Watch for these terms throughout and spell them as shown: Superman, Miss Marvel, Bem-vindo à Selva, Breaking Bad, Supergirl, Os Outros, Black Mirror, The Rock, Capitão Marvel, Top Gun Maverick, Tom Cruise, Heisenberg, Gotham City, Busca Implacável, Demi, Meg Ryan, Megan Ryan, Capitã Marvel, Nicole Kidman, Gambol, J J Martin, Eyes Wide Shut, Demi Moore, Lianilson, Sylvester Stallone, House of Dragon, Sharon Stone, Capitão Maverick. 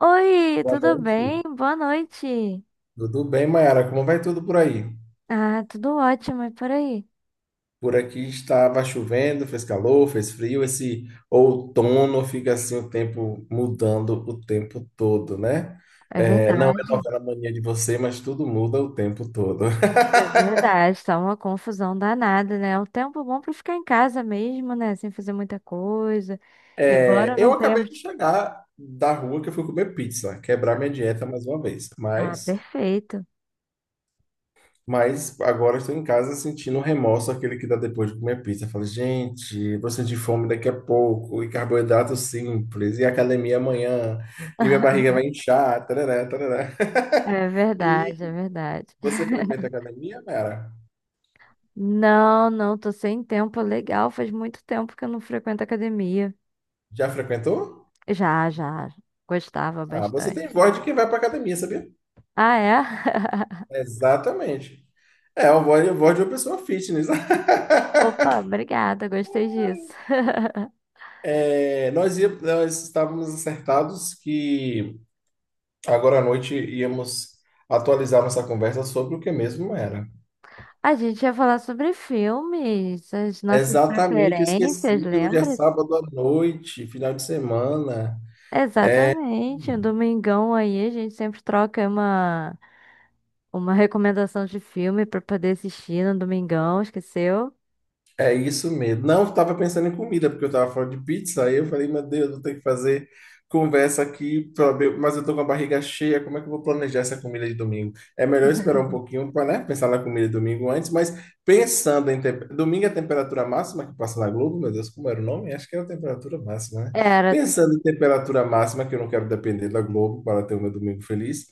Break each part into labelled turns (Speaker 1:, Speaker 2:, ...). Speaker 1: Oi,
Speaker 2: Boa
Speaker 1: tudo
Speaker 2: noite.
Speaker 1: bem? Boa noite.
Speaker 2: Tudo bem, Mayara? Como vai tudo por aí?
Speaker 1: Ah, tudo ótimo, e por aí?
Speaker 2: Por aqui estava chovendo, fez calor, fez frio. Esse outono fica assim o tempo mudando o tempo todo, né?
Speaker 1: É
Speaker 2: É, não é
Speaker 1: verdade,
Speaker 2: novela mania de você, mas tudo muda o tempo todo.
Speaker 1: é verdade, tá uma confusão danada, né? É um tempo bom pra ficar em casa mesmo, né? Sem fazer muita coisa.
Speaker 2: É,
Speaker 1: Embora
Speaker 2: eu
Speaker 1: não
Speaker 2: acabei
Speaker 1: tenhamos.
Speaker 2: de chegar da rua que eu fui comer pizza, quebrar minha dieta mais uma vez.
Speaker 1: Ah,
Speaker 2: Mas
Speaker 1: perfeito.
Speaker 2: Mas agora estou em casa sentindo o remorso, aquele que dá depois de comer pizza. Eu falo, gente, vou sentir fome daqui a pouco, e carboidrato simples, e academia amanhã, e minha barriga vai inchar, tarará, tarará.
Speaker 1: É
Speaker 2: E
Speaker 1: verdade, é verdade.
Speaker 2: você frequenta academia, Mara?
Speaker 1: Não, não, tô sem tempo, legal. Faz muito tempo que eu não frequento academia.
Speaker 2: Já frequentou?
Speaker 1: Já, já, gostava
Speaker 2: Ah, você tem
Speaker 1: bastante.
Speaker 2: voz de quem vai para academia, sabia?
Speaker 1: Ah, é?
Speaker 2: Exatamente. É, a voz de uma pessoa fitness.
Speaker 1: Opa, obrigada, gostei disso.
Speaker 2: É, nós estávamos acertados que agora à noite íamos atualizar nossa conversa sobre o que mesmo era.
Speaker 1: A gente ia falar sobre filmes, as nossas
Speaker 2: Exatamente, eu
Speaker 1: preferências,
Speaker 2: esqueci. Hoje é
Speaker 1: lembra?
Speaker 2: sábado à noite, final de semana.
Speaker 1: Exatamente. O domingão aí, a gente sempre troca uma recomendação de filme pra poder assistir no domingão, esqueceu?
Speaker 2: É isso mesmo. Não, eu tava pensando em comida, porque eu tava falando de pizza, aí eu falei, meu Deus, vou ter que fazer conversa aqui, mas eu tô com a barriga cheia, como é que eu vou planejar essa comida de domingo? É melhor esperar um pouquinho para, né, pensar na comida de domingo antes, mas pensando em domingo é a temperatura máxima que passa na Globo, meu Deus, como era o nome? Acho que era a temperatura máxima, né?
Speaker 1: Era. Tipo-
Speaker 2: Pensando em temperatura máxima, que eu não quero depender da Globo para ter o meu domingo feliz,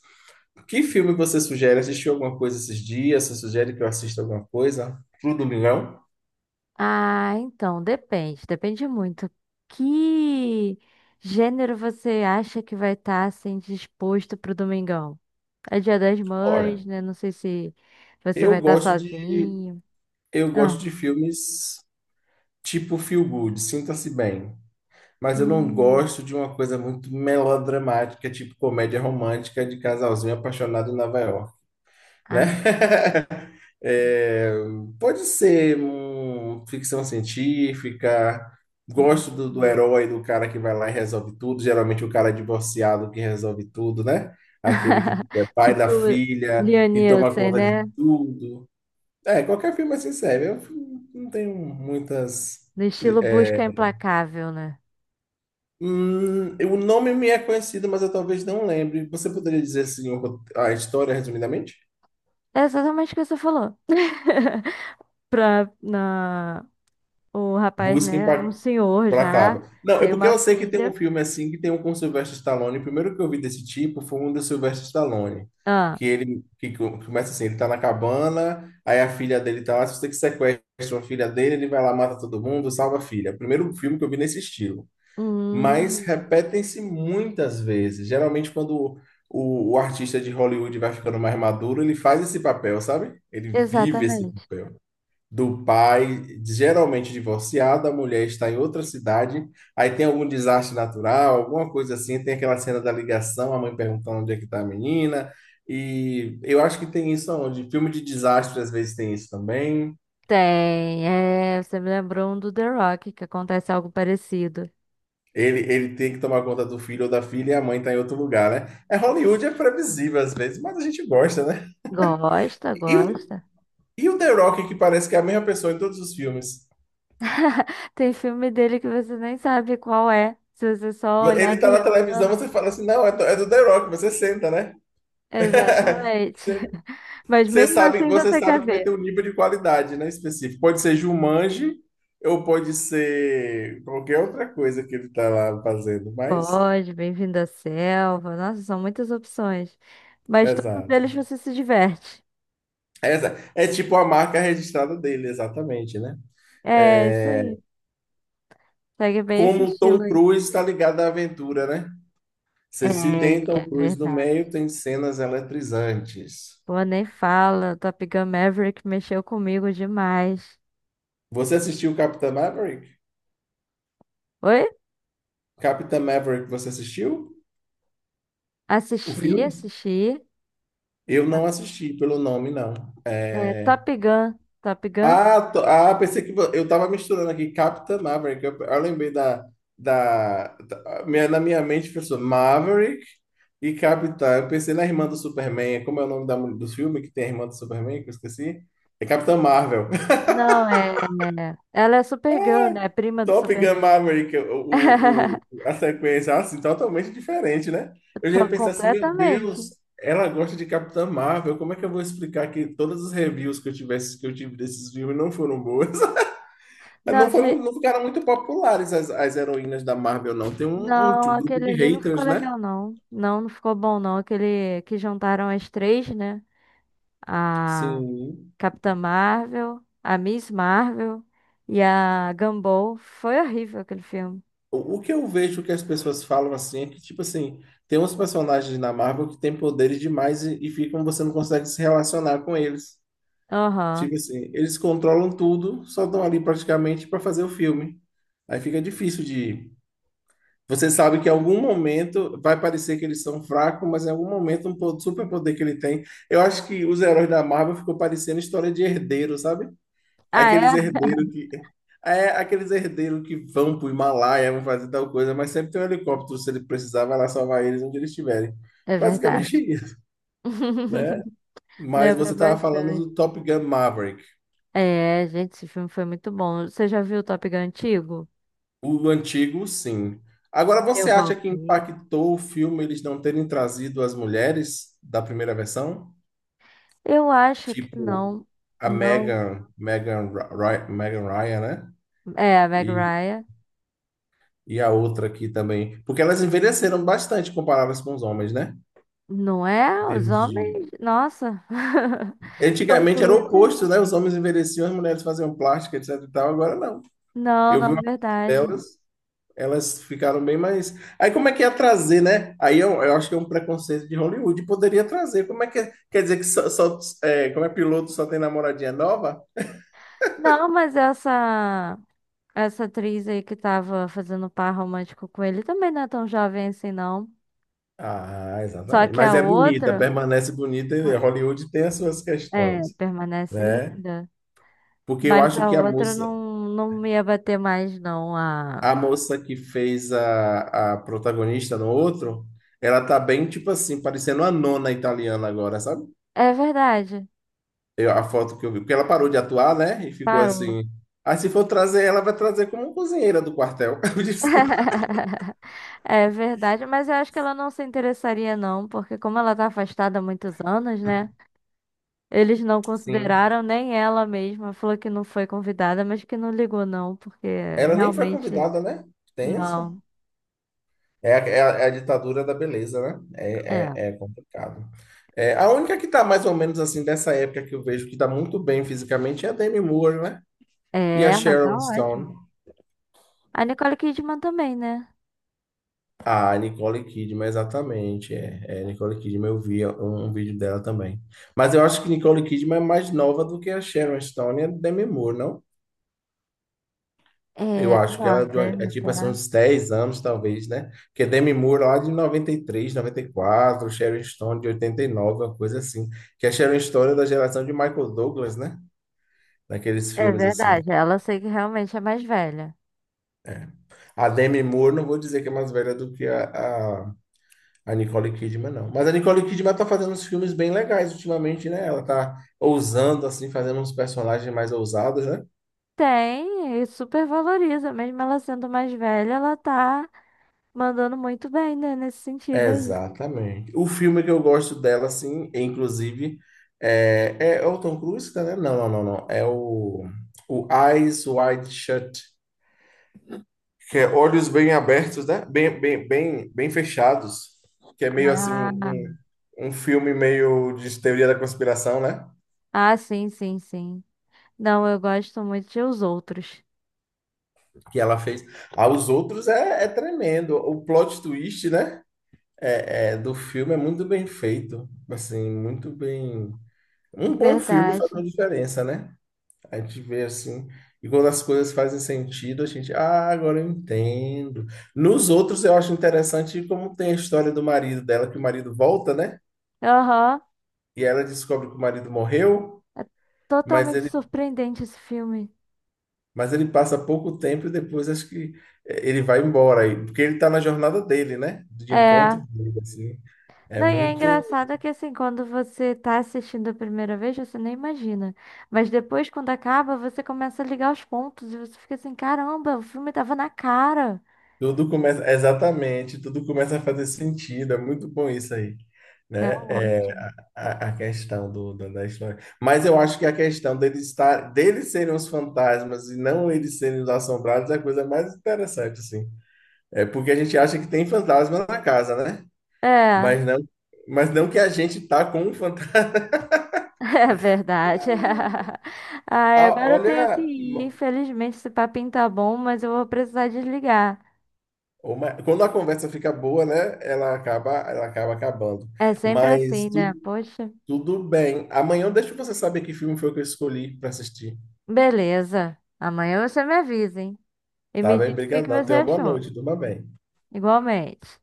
Speaker 2: que filme você sugere? Assistiu alguma coisa esses dias? Você sugere que eu assista alguma coisa pro domingão?
Speaker 1: ah, então, depende, depende muito. Que gênero você acha que vai estar assim disposto pro domingão? É Dia das
Speaker 2: Olha,
Speaker 1: Mães, né? Não sei se você
Speaker 2: Eu
Speaker 1: vai estar
Speaker 2: gosto de,
Speaker 1: sozinho.
Speaker 2: eu
Speaker 1: Ah.
Speaker 2: gosto de filmes tipo feel good, sinta-se bem. Mas eu não
Speaker 1: Hum.
Speaker 2: gosto de uma coisa muito melodramática, tipo comédia romântica de casalzinho apaixonado em Nova York, né?
Speaker 1: Ah.
Speaker 2: É, pode ser um, ficção científica.
Speaker 1: Hum.
Speaker 2: Gosto do herói, do cara que vai lá e resolve tudo. Geralmente o cara é divorciado que resolve tudo, né? Aquele que é pai da
Speaker 1: Tipo,
Speaker 2: filha e toma
Speaker 1: Lianilson,
Speaker 2: conta de
Speaker 1: né?
Speaker 2: tudo. É, qualquer filme é assim serve. Eu não tenho muitas.
Speaker 1: No estilo
Speaker 2: É,
Speaker 1: Busca Implacável, né?
Speaker 2: o nome me é conhecido, mas eu talvez não lembre. Você poderia dizer assim a história resumidamente?
Speaker 1: É exatamente o que você falou. Pra, na, o rapaz,
Speaker 2: Busquem
Speaker 1: né? Um
Speaker 2: pra
Speaker 1: senhor já,
Speaker 2: Placável. Não, é
Speaker 1: tem
Speaker 2: porque
Speaker 1: uma
Speaker 2: eu sei que tem um
Speaker 1: filha.
Speaker 2: filme assim que tem um com Sylvester Stallone. O primeiro que eu vi desse tipo foi um do Sylvester Stallone.
Speaker 1: Ah,
Speaker 2: Que ele que começa assim, ele tá na cabana, aí a filha dele tá lá, se você que sequestra a filha dele, ele vai lá, mata todo mundo, salva a filha. Primeiro filme que eu vi nesse estilo. Mas
Speaker 1: hum,
Speaker 2: repetem-se muitas vezes. Geralmente, quando o artista de Hollywood vai ficando mais maduro, ele faz esse papel, sabe? Ele vive esse
Speaker 1: exatamente.
Speaker 2: papel. Do pai, geralmente divorciado, a mulher está em outra cidade, aí tem algum desastre natural, alguma coisa assim, tem aquela cena da ligação, a mãe perguntando onde é que está a menina, e eu acho que tem isso onde filme de desastre às vezes tem isso também.
Speaker 1: Tem, é, você me lembrou um do The Rock, que acontece algo parecido.
Speaker 2: Ele tem que tomar conta do filho ou da filha e a mãe tá em outro lugar, né? É Hollywood, é previsível às vezes, mas a gente gosta, né?
Speaker 1: Gosta,
Speaker 2: E o,
Speaker 1: gosta.
Speaker 2: e o The Rock, que parece que é a mesma pessoa em todos os filmes.
Speaker 1: Tem filme dele que você nem sabe qual é, se você só olhar
Speaker 2: Ele
Speaker 1: de
Speaker 2: tá na televisão,
Speaker 1: relance.
Speaker 2: você fala assim, não, é do The Rock, você senta, né?
Speaker 1: Exatamente.
Speaker 2: Você,
Speaker 1: Mas
Speaker 2: você
Speaker 1: mesmo
Speaker 2: sabe,
Speaker 1: assim
Speaker 2: você
Speaker 1: você
Speaker 2: sabe
Speaker 1: quer
Speaker 2: que vai ter
Speaker 1: ver.
Speaker 2: um nível de qualidade, né, específico. Pode ser Jumanji ou pode ser qualquer outra coisa que ele tá lá fazendo, mas...
Speaker 1: Pode, bem-vindo à selva. Nossa, são muitas opções.
Speaker 2: É
Speaker 1: Mas todos eles
Speaker 2: exato.
Speaker 1: você se diverte.
Speaker 2: Essa é tipo a marca registrada dele, exatamente, né?
Speaker 1: É, isso
Speaker 2: É,
Speaker 1: aí. Segue bem esse
Speaker 2: como o
Speaker 1: estilo
Speaker 2: Tom
Speaker 1: aí.
Speaker 2: Cruise está ligado à aventura, né?
Speaker 1: É,
Speaker 2: Se tem Tom
Speaker 1: é
Speaker 2: Cruise no
Speaker 1: verdade.
Speaker 2: meio, tem cenas eletrizantes.
Speaker 1: Pô, nem fala. Top Gun Maverick mexeu comigo demais.
Speaker 2: Você assistiu Capitã Maverick?
Speaker 1: Oi?
Speaker 2: Capitã Maverick, você assistiu o
Speaker 1: Assisti,
Speaker 2: filme?
Speaker 1: assisti.
Speaker 2: Eu não assisti pelo nome, não.
Speaker 1: É,
Speaker 2: É.
Speaker 1: Top Gun. Top Gun?
Speaker 2: Ah, pensei que eu tava misturando aqui Capitã Maverick. Eu lembrei na minha mente pensou Maverick e Capitã. Eu pensei na irmã do Superman. Como é o nome do filme que tem a irmã do Superman que eu esqueci? É Capitã Marvel.
Speaker 1: Não, é. É- ela é Supergirl, né? Prima do
Speaker 2: Top Gun
Speaker 1: Superman.
Speaker 2: Maverick, a sequência, assim, totalmente diferente, né? Eu já ia
Speaker 1: Tô
Speaker 2: pensar assim, meu
Speaker 1: completamente.
Speaker 2: Deus, ela gosta de Capitã Marvel, como é que eu vou explicar que todas as reviews que eu tivesse, que eu tive desses filmes não foram boas?
Speaker 1: Não,
Speaker 2: Não foram,
Speaker 1: de,
Speaker 2: não ficaram muito populares as heroínas da Marvel, não. Tem um
Speaker 1: não,
Speaker 2: grupo
Speaker 1: aquele
Speaker 2: de
Speaker 1: ali não ficou
Speaker 2: haters, né?
Speaker 1: legal, não. Não, não ficou bom, não. Aquele que juntaram as três, né? A
Speaker 2: Sim.
Speaker 1: Capitã Marvel, a Miss Marvel e a Gambol. Foi horrível aquele filme.
Speaker 2: O que eu vejo que as pessoas falam assim é que, tipo assim, tem uns personagens na Marvel que têm poderes demais e ficam, você não consegue se relacionar com eles.
Speaker 1: Aham.
Speaker 2: Tipo assim, eles controlam tudo, só estão ali praticamente para fazer o filme. Aí fica difícil de. Você sabe que em algum momento vai parecer que eles são fracos, mas em algum momento um superpoder que ele tem. Eu acho que os heróis da Marvel ficou parecendo história de herdeiro, sabe?
Speaker 1: Ah,
Speaker 2: Aqueles
Speaker 1: é?
Speaker 2: herdeiros que. É, aqueles herdeiros que vão pro Himalaia, vão fazer tal coisa, mas sempre tem um helicóptero, se ele precisar, vai lá salvar eles onde eles estiverem.
Speaker 1: É
Speaker 2: Basicamente
Speaker 1: verdade.
Speaker 2: isso, né? Mas
Speaker 1: Lembra
Speaker 2: você estava falando
Speaker 1: bastante.
Speaker 2: do Top Gun Maverick.
Speaker 1: É, gente, esse filme foi muito bom. Você já viu o Top Gun antigo?
Speaker 2: O antigo, sim. Agora,
Speaker 1: Eu
Speaker 2: você acha que
Speaker 1: voltei.
Speaker 2: impactou o filme eles não terem trazido as mulheres da primeira versão?
Speaker 1: Eu acho que
Speaker 2: Tipo,
Speaker 1: não.
Speaker 2: a
Speaker 1: Não.
Speaker 2: Megan Megan Ryan, né?
Speaker 1: É, a Meg
Speaker 2: E,
Speaker 1: Ryan.
Speaker 2: e a outra aqui também. Porque elas envelheceram bastante comparadas com os homens, né?
Speaker 1: Não
Speaker 2: Em
Speaker 1: é? Os
Speaker 2: termos de...
Speaker 1: homens. Nossa. Tom
Speaker 2: Antigamente era o
Speaker 1: Cruise.
Speaker 2: oposto, né? Os homens envelheciam, as mulheres faziam plástica, etc e tal. Agora não.
Speaker 1: Não,
Speaker 2: Eu vi
Speaker 1: não,
Speaker 2: uma foto
Speaker 1: verdade.
Speaker 2: delas. Elas ficaram bem mais. Aí como é que ia trazer, né? Aí eu acho que é um preconceito de Hollywood. Poderia trazer. Como é que. É? Quer dizer que é, como é piloto só tem namoradinha nova?
Speaker 1: Não, mas essa. Essa atriz aí que tava fazendo par romântico com ele também não é tão jovem assim, não.
Speaker 2: Ah,
Speaker 1: Só
Speaker 2: exatamente.
Speaker 1: que a
Speaker 2: Mas é bonita,
Speaker 1: outra.
Speaker 2: permanece bonita.
Speaker 1: Pô,
Speaker 2: E Hollywood tem as suas
Speaker 1: é,
Speaker 2: questões,
Speaker 1: permanece
Speaker 2: né?
Speaker 1: linda.
Speaker 2: Porque eu
Speaker 1: Mas
Speaker 2: acho
Speaker 1: a
Speaker 2: que a
Speaker 1: outra
Speaker 2: moça,
Speaker 1: não, não me ia bater mais, não. A...
Speaker 2: a moça que fez a protagonista no outro, ela tá bem, tipo assim, parecendo a nona italiana agora, sabe?
Speaker 1: É verdade.
Speaker 2: A foto que eu vi, porque ela parou de atuar, né? E ficou
Speaker 1: Parou.
Speaker 2: assim. Ah, se for trazer ela, vai trazer como cozinheira do quartel. Eu desculpa.
Speaker 1: É verdade, mas eu acho que ela não se interessaria, não, porque como ela tá afastada há muitos anos, né? Eles não
Speaker 2: Sim.
Speaker 1: consideraram nem ela mesma, falou que não foi convidada, mas que não ligou não, porque
Speaker 2: Ela nem foi
Speaker 1: realmente
Speaker 2: convidada, né?
Speaker 1: não.
Speaker 2: Tenso. É, a- é, a é a ditadura da beleza, né?
Speaker 1: É,
Speaker 2: É complicado. É, a única que tá mais ou menos assim dessa época que eu vejo que tá muito bem fisicamente é a Demi Moore, né? E
Speaker 1: é,
Speaker 2: a
Speaker 1: ela tá
Speaker 2: Sharon Stone.
Speaker 1: ótima. A Nicole Kidman também, né?
Speaker 2: Ah, Nicole Kidman, exatamente. É, é, Nicole Kidman, eu vi um vídeo dela também. Mas eu acho que Nicole Kidman é mais nova do que a Sharon Stone e a Demi Moore, não? Eu
Speaker 1: É,
Speaker 2: acho
Speaker 1: não,
Speaker 2: que
Speaker 1: a
Speaker 2: ela é, é
Speaker 1: Demi,
Speaker 2: tipo assim,
Speaker 1: será?
Speaker 2: uns 10 anos, talvez, né? Porque Demi Moore lá de noventa noventa e três, noventa e quatro, Sharon Stone de 89, uma coisa assim. Que a Sharon Stone é da geração de Michael Douglas, né? Naqueles
Speaker 1: É
Speaker 2: filmes assim.
Speaker 1: verdade, ela eu sei que realmente é mais velha.
Speaker 2: A Demi Moore, não vou dizer que é mais velha do que a A Nicole Kidman não. Mas a Nicole Kidman tá fazendo uns filmes bem legais ultimamente, né? Ela tá ousando, assim, fazendo uns personagens mais ousados, né?
Speaker 1: Tem, e super valoriza, mesmo ela sendo mais velha, ela tá mandando muito bem, né, nesse sentido aí.
Speaker 2: Exatamente. O filme que eu gosto dela, assim, é, inclusive, é, é o Tom Cruise, né? Não, não, não, não. É o Eyes Wide Shut, que é olhos bem abertos, né? Bem, bem, bem, bem fechados, que é meio assim
Speaker 1: Ah,
Speaker 2: um filme meio de teoria da conspiração, né?
Speaker 1: ah, sim, sim, sim. Não, eu gosto muito de Os Outros.
Speaker 2: Que ela fez. Aos outros é, é tremendo. O plot twist, né? É, é, do filme é muito bem feito. Assim, muito bem. Um bom filme faz uma
Speaker 1: Verdade.
Speaker 2: diferença, né? A gente vê assim. E quando as coisas fazem sentido, a gente, ah, agora eu entendo. Nos outros, eu acho interessante como tem a história do marido dela, que o marido volta, né?
Speaker 1: Aham.
Speaker 2: E ela descobre que o marido morreu,
Speaker 1: É
Speaker 2: mas
Speaker 1: totalmente
Speaker 2: ele
Speaker 1: surpreendente esse filme.
Speaker 2: Mas ele passa pouco tempo e depois acho que ele vai embora aí, porque ele está na jornada dele, né? De
Speaker 1: É.
Speaker 2: encontro dele, assim. É
Speaker 1: Não, e é
Speaker 2: muito.
Speaker 1: engraçado que assim, quando você tá assistindo a primeira vez, você nem imagina. Mas depois, quando acaba, você começa a ligar os pontos e você fica assim, caramba, o filme tava na cara.
Speaker 2: Tudo começa. Exatamente, tudo começa a fazer sentido. É muito bom isso aí,
Speaker 1: É
Speaker 2: né? É,
Speaker 1: ótimo.
Speaker 2: a questão da história. Mas eu acho que a questão deles serem os fantasmas e não eles serem os assombrados é a coisa mais interessante, assim. É porque a gente acha que tem fantasma na casa, né?
Speaker 1: É,
Speaker 2: Mas não, mas não que a gente tá com um fantasma
Speaker 1: é verdade. Ai,
Speaker 2: Ah,
Speaker 1: agora eu tenho que
Speaker 2: olha,
Speaker 1: ir. Infelizmente, esse papinho tá bom, mas eu vou precisar desligar.
Speaker 2: quando a conversa fica boa, né? Ela acaba acabando.
Speaker 1: É sempre
Speaker 2: Mas
Speaker 1: assim, né? Poxa.
Speaker 2: tudo bem. Amanhã eu deixo você saber que filme foi que eu escolhi para assistir.
Speaker 1: Beleza. Amanhã você me avisa, hein? E
Speaker 2: Tá
Speaker 1: me
Speaker 2: bem?
Speaker 1: diz o que que
Speaker 2: Obrigadão.
Speaker 1: você
Speaker 2: Tenha uma boa
Speaker 1: achou.
Speaker 2: noite. Tudo bem.
Speaker 1: Igualmente.